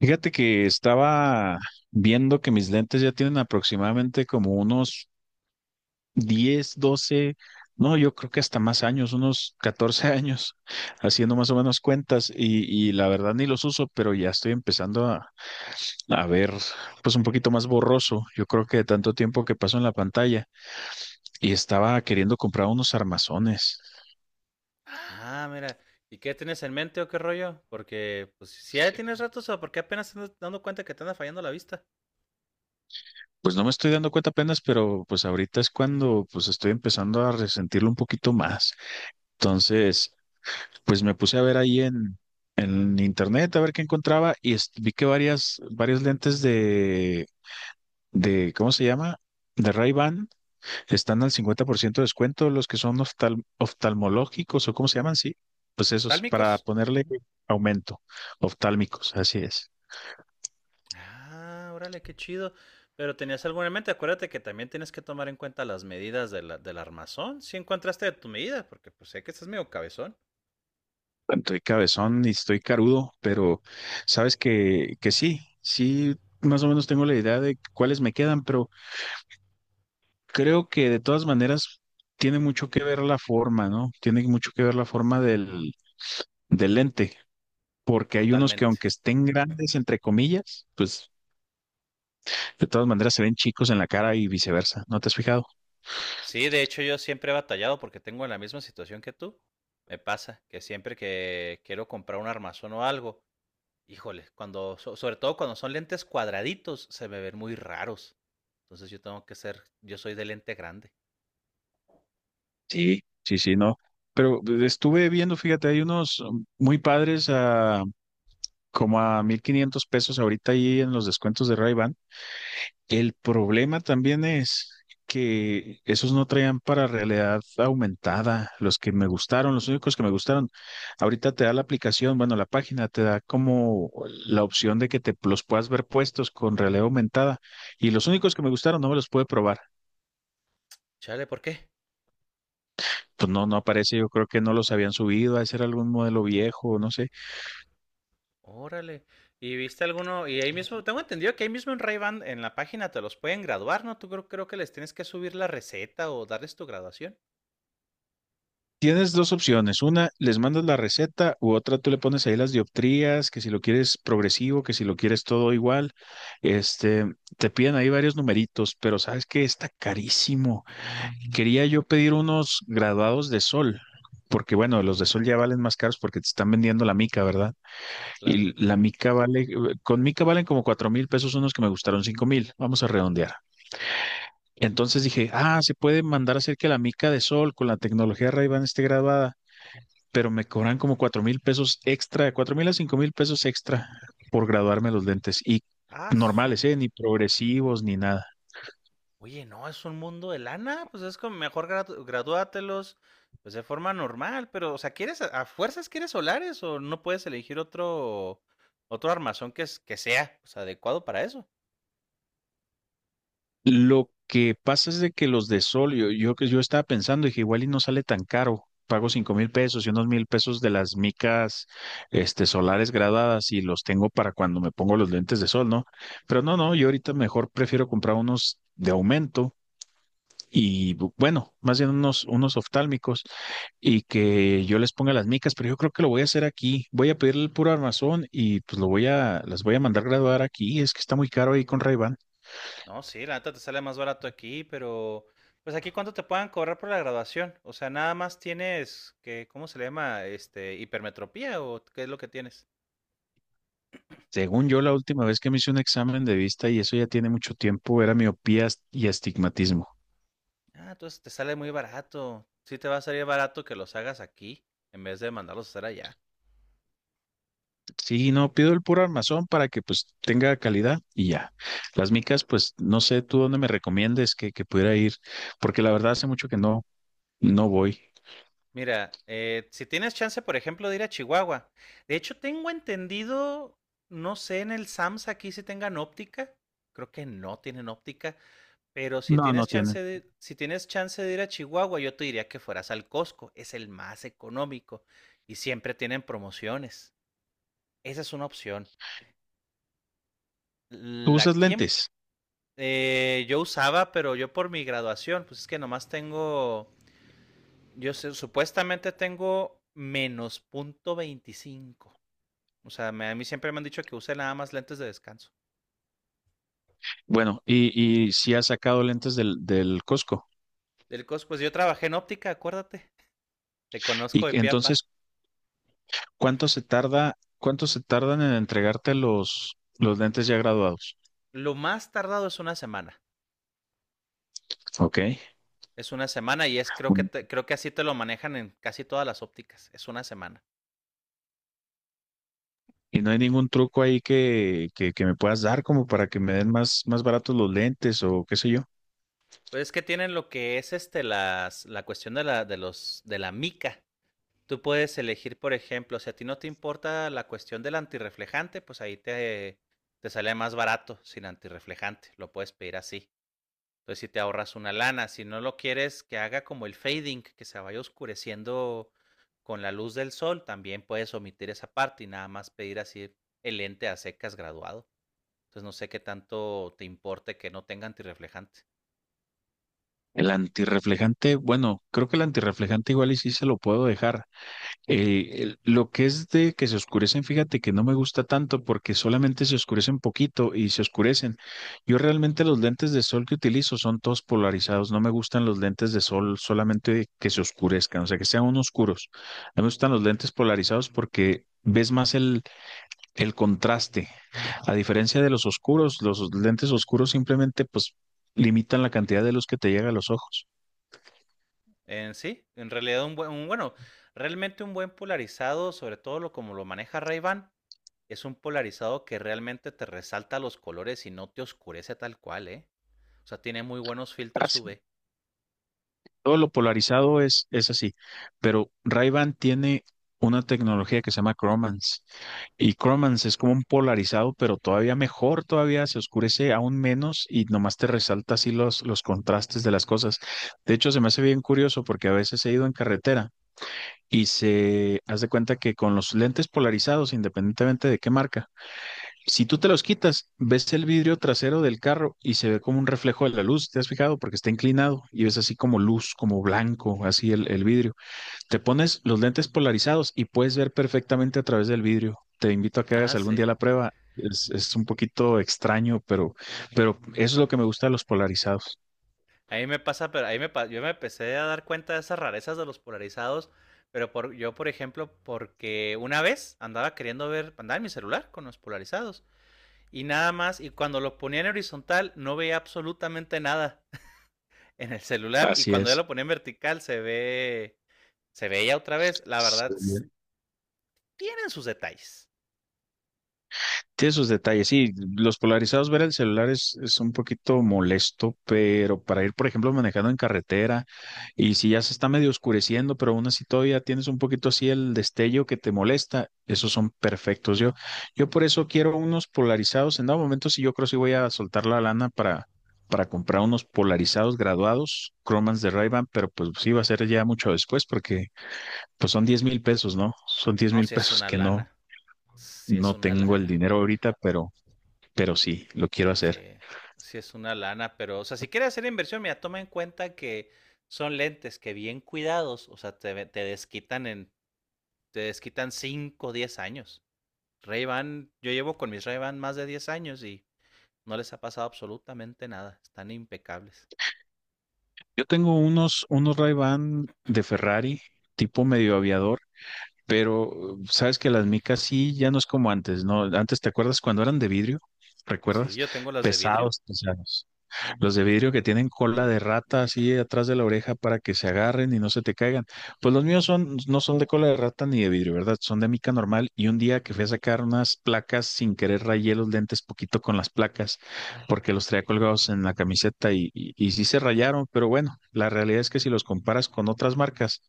Fíjate que estaba viendo que mis lentes ya tienen aproximadamente como unos 10, 12, no, yo creo que hasta más años, unos 14 años, haciendo más o menos cuentas y la verdad ni los uso, pero ya estoy empezando a ver pues un poquito más borroso. Yo creo que de tanto tiempo que paso en la pantalla y estaba queriendo comprar unos armazones. Ah, mira. ¿Y qué tienes en mente o qué rollo? Porque, pues, si ya tienes ratos o porque apenas te andas dando cuenta que te anda fallando la vista. Pues no me estoy dando cuenta apenas, pero pues ahorita es cuando pues estoy empezando a resentirlo un poquito más. Entonces, pues me puse a ver ahí en internet a ver qué encontraba y vi que varias lentes de, ¿cómo se llama? De Ray-Ban están al 50% de descuento, los que son oftalmológicos o ¿cómo se llaman? Sí, pues esos, para ¿Oftálmicos? ponerle Ujú. aumento, oftálmicos, así es. Ah, órale, qué chido. Pero tenías algo en mente. Acuérdate que también tienes que tomar en cuenta las medidas de del armazón. Si encontraste tu medida, porque pues sé que estás medio cabezón. Bueno, estoy cabezón y estoy carudo, pero sabes que sí, sí, más o menos tengo la idea de cuáles me quedan, pero creo que de todas maneras tiene mucho que ver la forma, ¿no? Tiene mucho que ver la forma del lente, porque hay unos que Totalmente. aunque estén grandes, entre comillas, pues de todas maneras se ven chicos en la cara y viceversa. ¿No te has fijado? Sí, de hecho yo siempre he batallado porque tengo la misma situación que tú. Me pasa que siempre que quiero comprar un armazón o algo, híjole, cuando, sobre todo cuando son lentes cuadraditos, se me ven muy raros. Entonces yo tengo que ser, yo soy de lente grande. Sí. Sí, sí, no. Pero estuve viendo, fíjate, hay unos muy padres a como a 1,500 pesos ahorita ahí en los descuentos de ray. El problema también es que esos no traían para realidad aumentada, los que me gustaron, los únicos que me gustaron. Ahorita te da la aplicación, bueno, la página te da como la opción de que te los puedas ver puestos con realidad aumentada y los únicos que me gustaron no me los pude probar. Chale, ¿por qué? Pues no, no aparece, yo creo que no los habían subido, a ser algún modelo viejo, no sé. Órale. ¿Y viste alguno? Y ahí mismo, tengo entendido que ahí mismo en Ray-Ban, en la página te los pueden graduar, ¿no? Tú creo que les tienes que subir la receta o darles tu graduación. Tienes dos opciones. Una, les mandas la receta u otra, tú le pones ahí las dioptrías, que si lo quieres progresivo, que si lo quieres todo igual. Este, te piden ahí varios numeritos, pero sabes que está carísimo. Quería yo pedir unos graduados de sol, porque bueno, los de sol ya valen más caros porque te están vendiendo la mica, ¿verdad? Claro. Y la mica vale, con mica valen como 4,000 pesos unos que me gustaron 5,000. Vamos a redondear. Entonces dije, ah, se puede mandar a hacer que la mica de sol con la tecnología Ray-Ban esté graduada, pero me cobran como 4,000 pesos extra, de 4,000 a 5,000 pesos extra por graduarme los lentes y Ah, normales, ¿eh?, ni progresivos ni nada. oye, no, es un mundo de lana, pues es como mejor gradúatelos, pues de forma normal, pero, o sea, ¿quieres, a fuerzas quieres solares o no puedes elegir otro, otro armazón que, que sea, pues, adecuado para eso? Lo que pasa es de que los de sol, que yo estaba pensando, dije, igual y no sale tan caro, pago 5,000 pesos y unos 1,000 pesos de las micas, este, solares graduadas y los tengo para cuando me pongo los lentes de sol, ¿no? Pero no, no, yo ahorita mejor prefiero comprar unos de aumento y bueno, más bien unos oftálmicos y que yo les ponga las micas, pero yo creo que lo voy a hacer aquí. Voy a pedirle el puro armazón y pues lo voy a, las voy a mandar graduar aquí. Es que está muy caro ahí con ray. No, sí, la neta te sale más barato aquí, pero, pues aquí cuánto te puedan cobrar por la graduación, o sea, nada más tienes, que, ¿cómo se le llama? Este, hipermetropía o qué es lo que tienes. Según yo, la última vez que me hice un examen de vista, y eso ya tiene mucho tiempo, era miopía y astigmatismo. Ah, entonces te sale muy barato, sí te va a salir barato que los hagas aquí en vez de mandarlos a hacer allá. Sí, no, pido el puro armazón para que pues tenga calidad y ya. Las micas, pues no sé tú dónde me recomiendes que pudiera ir, porque la verdad hace mucho que no voy. Mira, si tienes chance, por ejemplo, de ir a Chihuahua. De hecho, tengo entendido, no sé en el SAMS aquí si tengan óptica. Creo que no tienen óptica, pero si No, no tienes tienen. chance de, ir a Chihuahua, yo te diría que fueras al Costco, es el más económico y siempre tienen promociones. Esa es una opción. ¿Tú La usas aquí en-. lentes? Yo usaba, pero yo por mi graduación, pues es que nomás tengo, yo supuestamente tengo -0.25. O sea, a mí siempre me han dicho que use nada más lentes de descanso. Bueno, y si has sacado lentes del Costco. Pues yo trabajé en óptica, acuérdate. Te Y conozco de que- piapa. entonces, cuánto se tardan en entregarte los lentes ya graduados? Lo más tardado es una semana. Ok. Es una semana y es creo que creo que así te lo manejan en casi todas las ópticas. Es una semana. Y no hay ningún truco ahí que me puedas dar como para que me den más baratos los lentes o qué sé yo. Pues es que tienen lo que es este las la cuestión de la de los de la mica. Tú puedes elegir, por ejemplo, si a ti no te importa la cuestión del antirreflejante, pues ahí te sale más barato sin antirreflejante. Lo puedes pedir así. Entonces, si te ahorras una lana, si no lo quieres que haga como el fading, que se vaya oscureciendo con la luz del sol, también puedes omitir esa parte y nada más pedir así el lente a secas graduado. Entonces, no sé qué tanto te importe que no tenga antirreflejante. El antirreflejante, bueno, creo que el antirreflejante igual y sí se lo puedo dejar. Lo que es de que se oscurecen, fíjate que no me gusta tanto porque solamente se oscurecen poquito y se oscurecen. Yo realmente los lentes de sol que utilizo son todos polarizados. No me gustan los lentes de sol solamente que se oscurezcan, o sea, que sean unos oscuros. A mí me gustan los lentes polarizados porque ves más el contraste. A diferencia de los oscuros, los lentes oscuros simplemente pues limitan la cantidad de luz que te llega a los ojos. En sí, en realidad un buen, bueno, realmente un buen polarizado, sobre todo lo como lo maneja Ray-Ban, es un polarizado que realmente te resalta los colores y no te oscurece tal cual, ¿eh? O sea, tiene muy buenos filtros UV. Todo lo polarizado es así, pero Ray-Ban tiene una tecnología que se llama Cromance y Cromance es como un polarizado, pero todavía mejor, todavía se oscurece aún menos y nomás te resalta así los contrastes de las cosas. De hecho, se me hace bien curioso porque a veces he ido en carretera y se hace cuenta que con los lentes polarizados, independientemente de qué marca, si tú te los quitas, ves el vidrio trasero del carro y se ve como un reflejo de la luz, ¿te has fijado? Porque está inclinado y ves así como luz, como blanco, así el vidrio. Te pones los lentes polarizados y puedes ver perfectamente a través del vidrio. Te invito a que hagas Ah, algún sí. día la prueba. Es un poquito extraño, pero eso es lo que me gusta de los polarizados. A mí me pasa, pero ahí yo me empecé a dar cuenta de esas rarezas de los polarizados, pero por, yo, por ejemplo, porque una vez andaba queriendo ver, andaba en mi celular con los polarizados y nada más, y cuando lo ponía en horizontal no veía absolutamente nada en el celular y Así cuando ya es. lo ponía en vertical se ve, se veía otra vez. La verdad, tienen sus detalles. Sí, esos detalles, sí, los polarizados, ver el celular es un poquito molesto, pero para ir, por ejemplo, manejando en carretera y si ya se está medio oscureciendo, pero aún así todavía tienes un poquito así el destello que te molesta, esos son perfectos. Yo por eso quiero unos polarizados. En dado momento, sí, yo creo que sí voy a soltar la lana para comprar unos polarizados graduados, cromans de ray pero pues sí va a ser ya mucho después porque pues son 10,000 pesos, ¿no? Son diez No, mil si es pesos una que no, lana, si es no una tengo el lana. dinero ahorita, pero sí, lo quiero Sí, hacer. sí es una lana, pero, o sea, si quieres hacer inversión, mira, toma en cuenta que son lentes que bien cuidados, o sea, te, te desquitan 5 o 10 años. Ray-Ban, yo llevo con mis Ray-Ban más de 10 años y no les ha pasado absolutamente nada, están impecables. Yo tengo unos Ray-Ban de Ferrari, tipo medio aviador, pero sabes que las micas sí ya no es como antes, ¿no? Antes, ¿te acuerdas cuando eran de vidrio? Sí, ¿Recuerdas? yo tengo las de vidrio, Pesados, pesados. Los de vidrio que tienen cola de rata así atrás de la oreja para que se agarren y no se te caigan. Pues los míos son, no son de cola de rata ni de vidrio, ¿verdad? Son de mica normal. Y un día que fui a sacar unas placas, sin querer rayé los lentes poquito con las placas, porque los traía colgados en la camiseta y sí se rayaron. Pero bueno, la realidad es que si los comparas con otras marcas,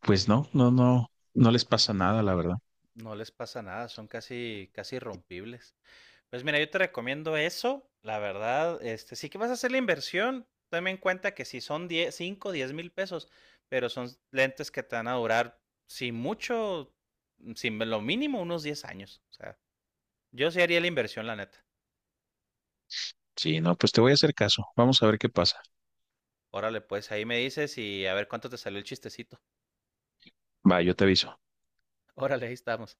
pues no les pasa nada, la verdad. no les pasa nada, son casi, casi irrompibles. Pues mira, yo te recomiendo eso, la verdad, este, sí que vas a hacer la inversión, tome en cuenta que si son 10, 5, 10,000 pesos, pero son lentes que te van a durar, sin mucho, sin lo mínimo, unos 10 años. O sea, yo sí haría la inversión, la neta. Sí, no, pues te voy a hacer caso. Vamos a ver qué pasa. Órale, pues ahí me dices y a ver cuánto te salió el chistecito. Va, yo te aviso. Órale, ahí estamos.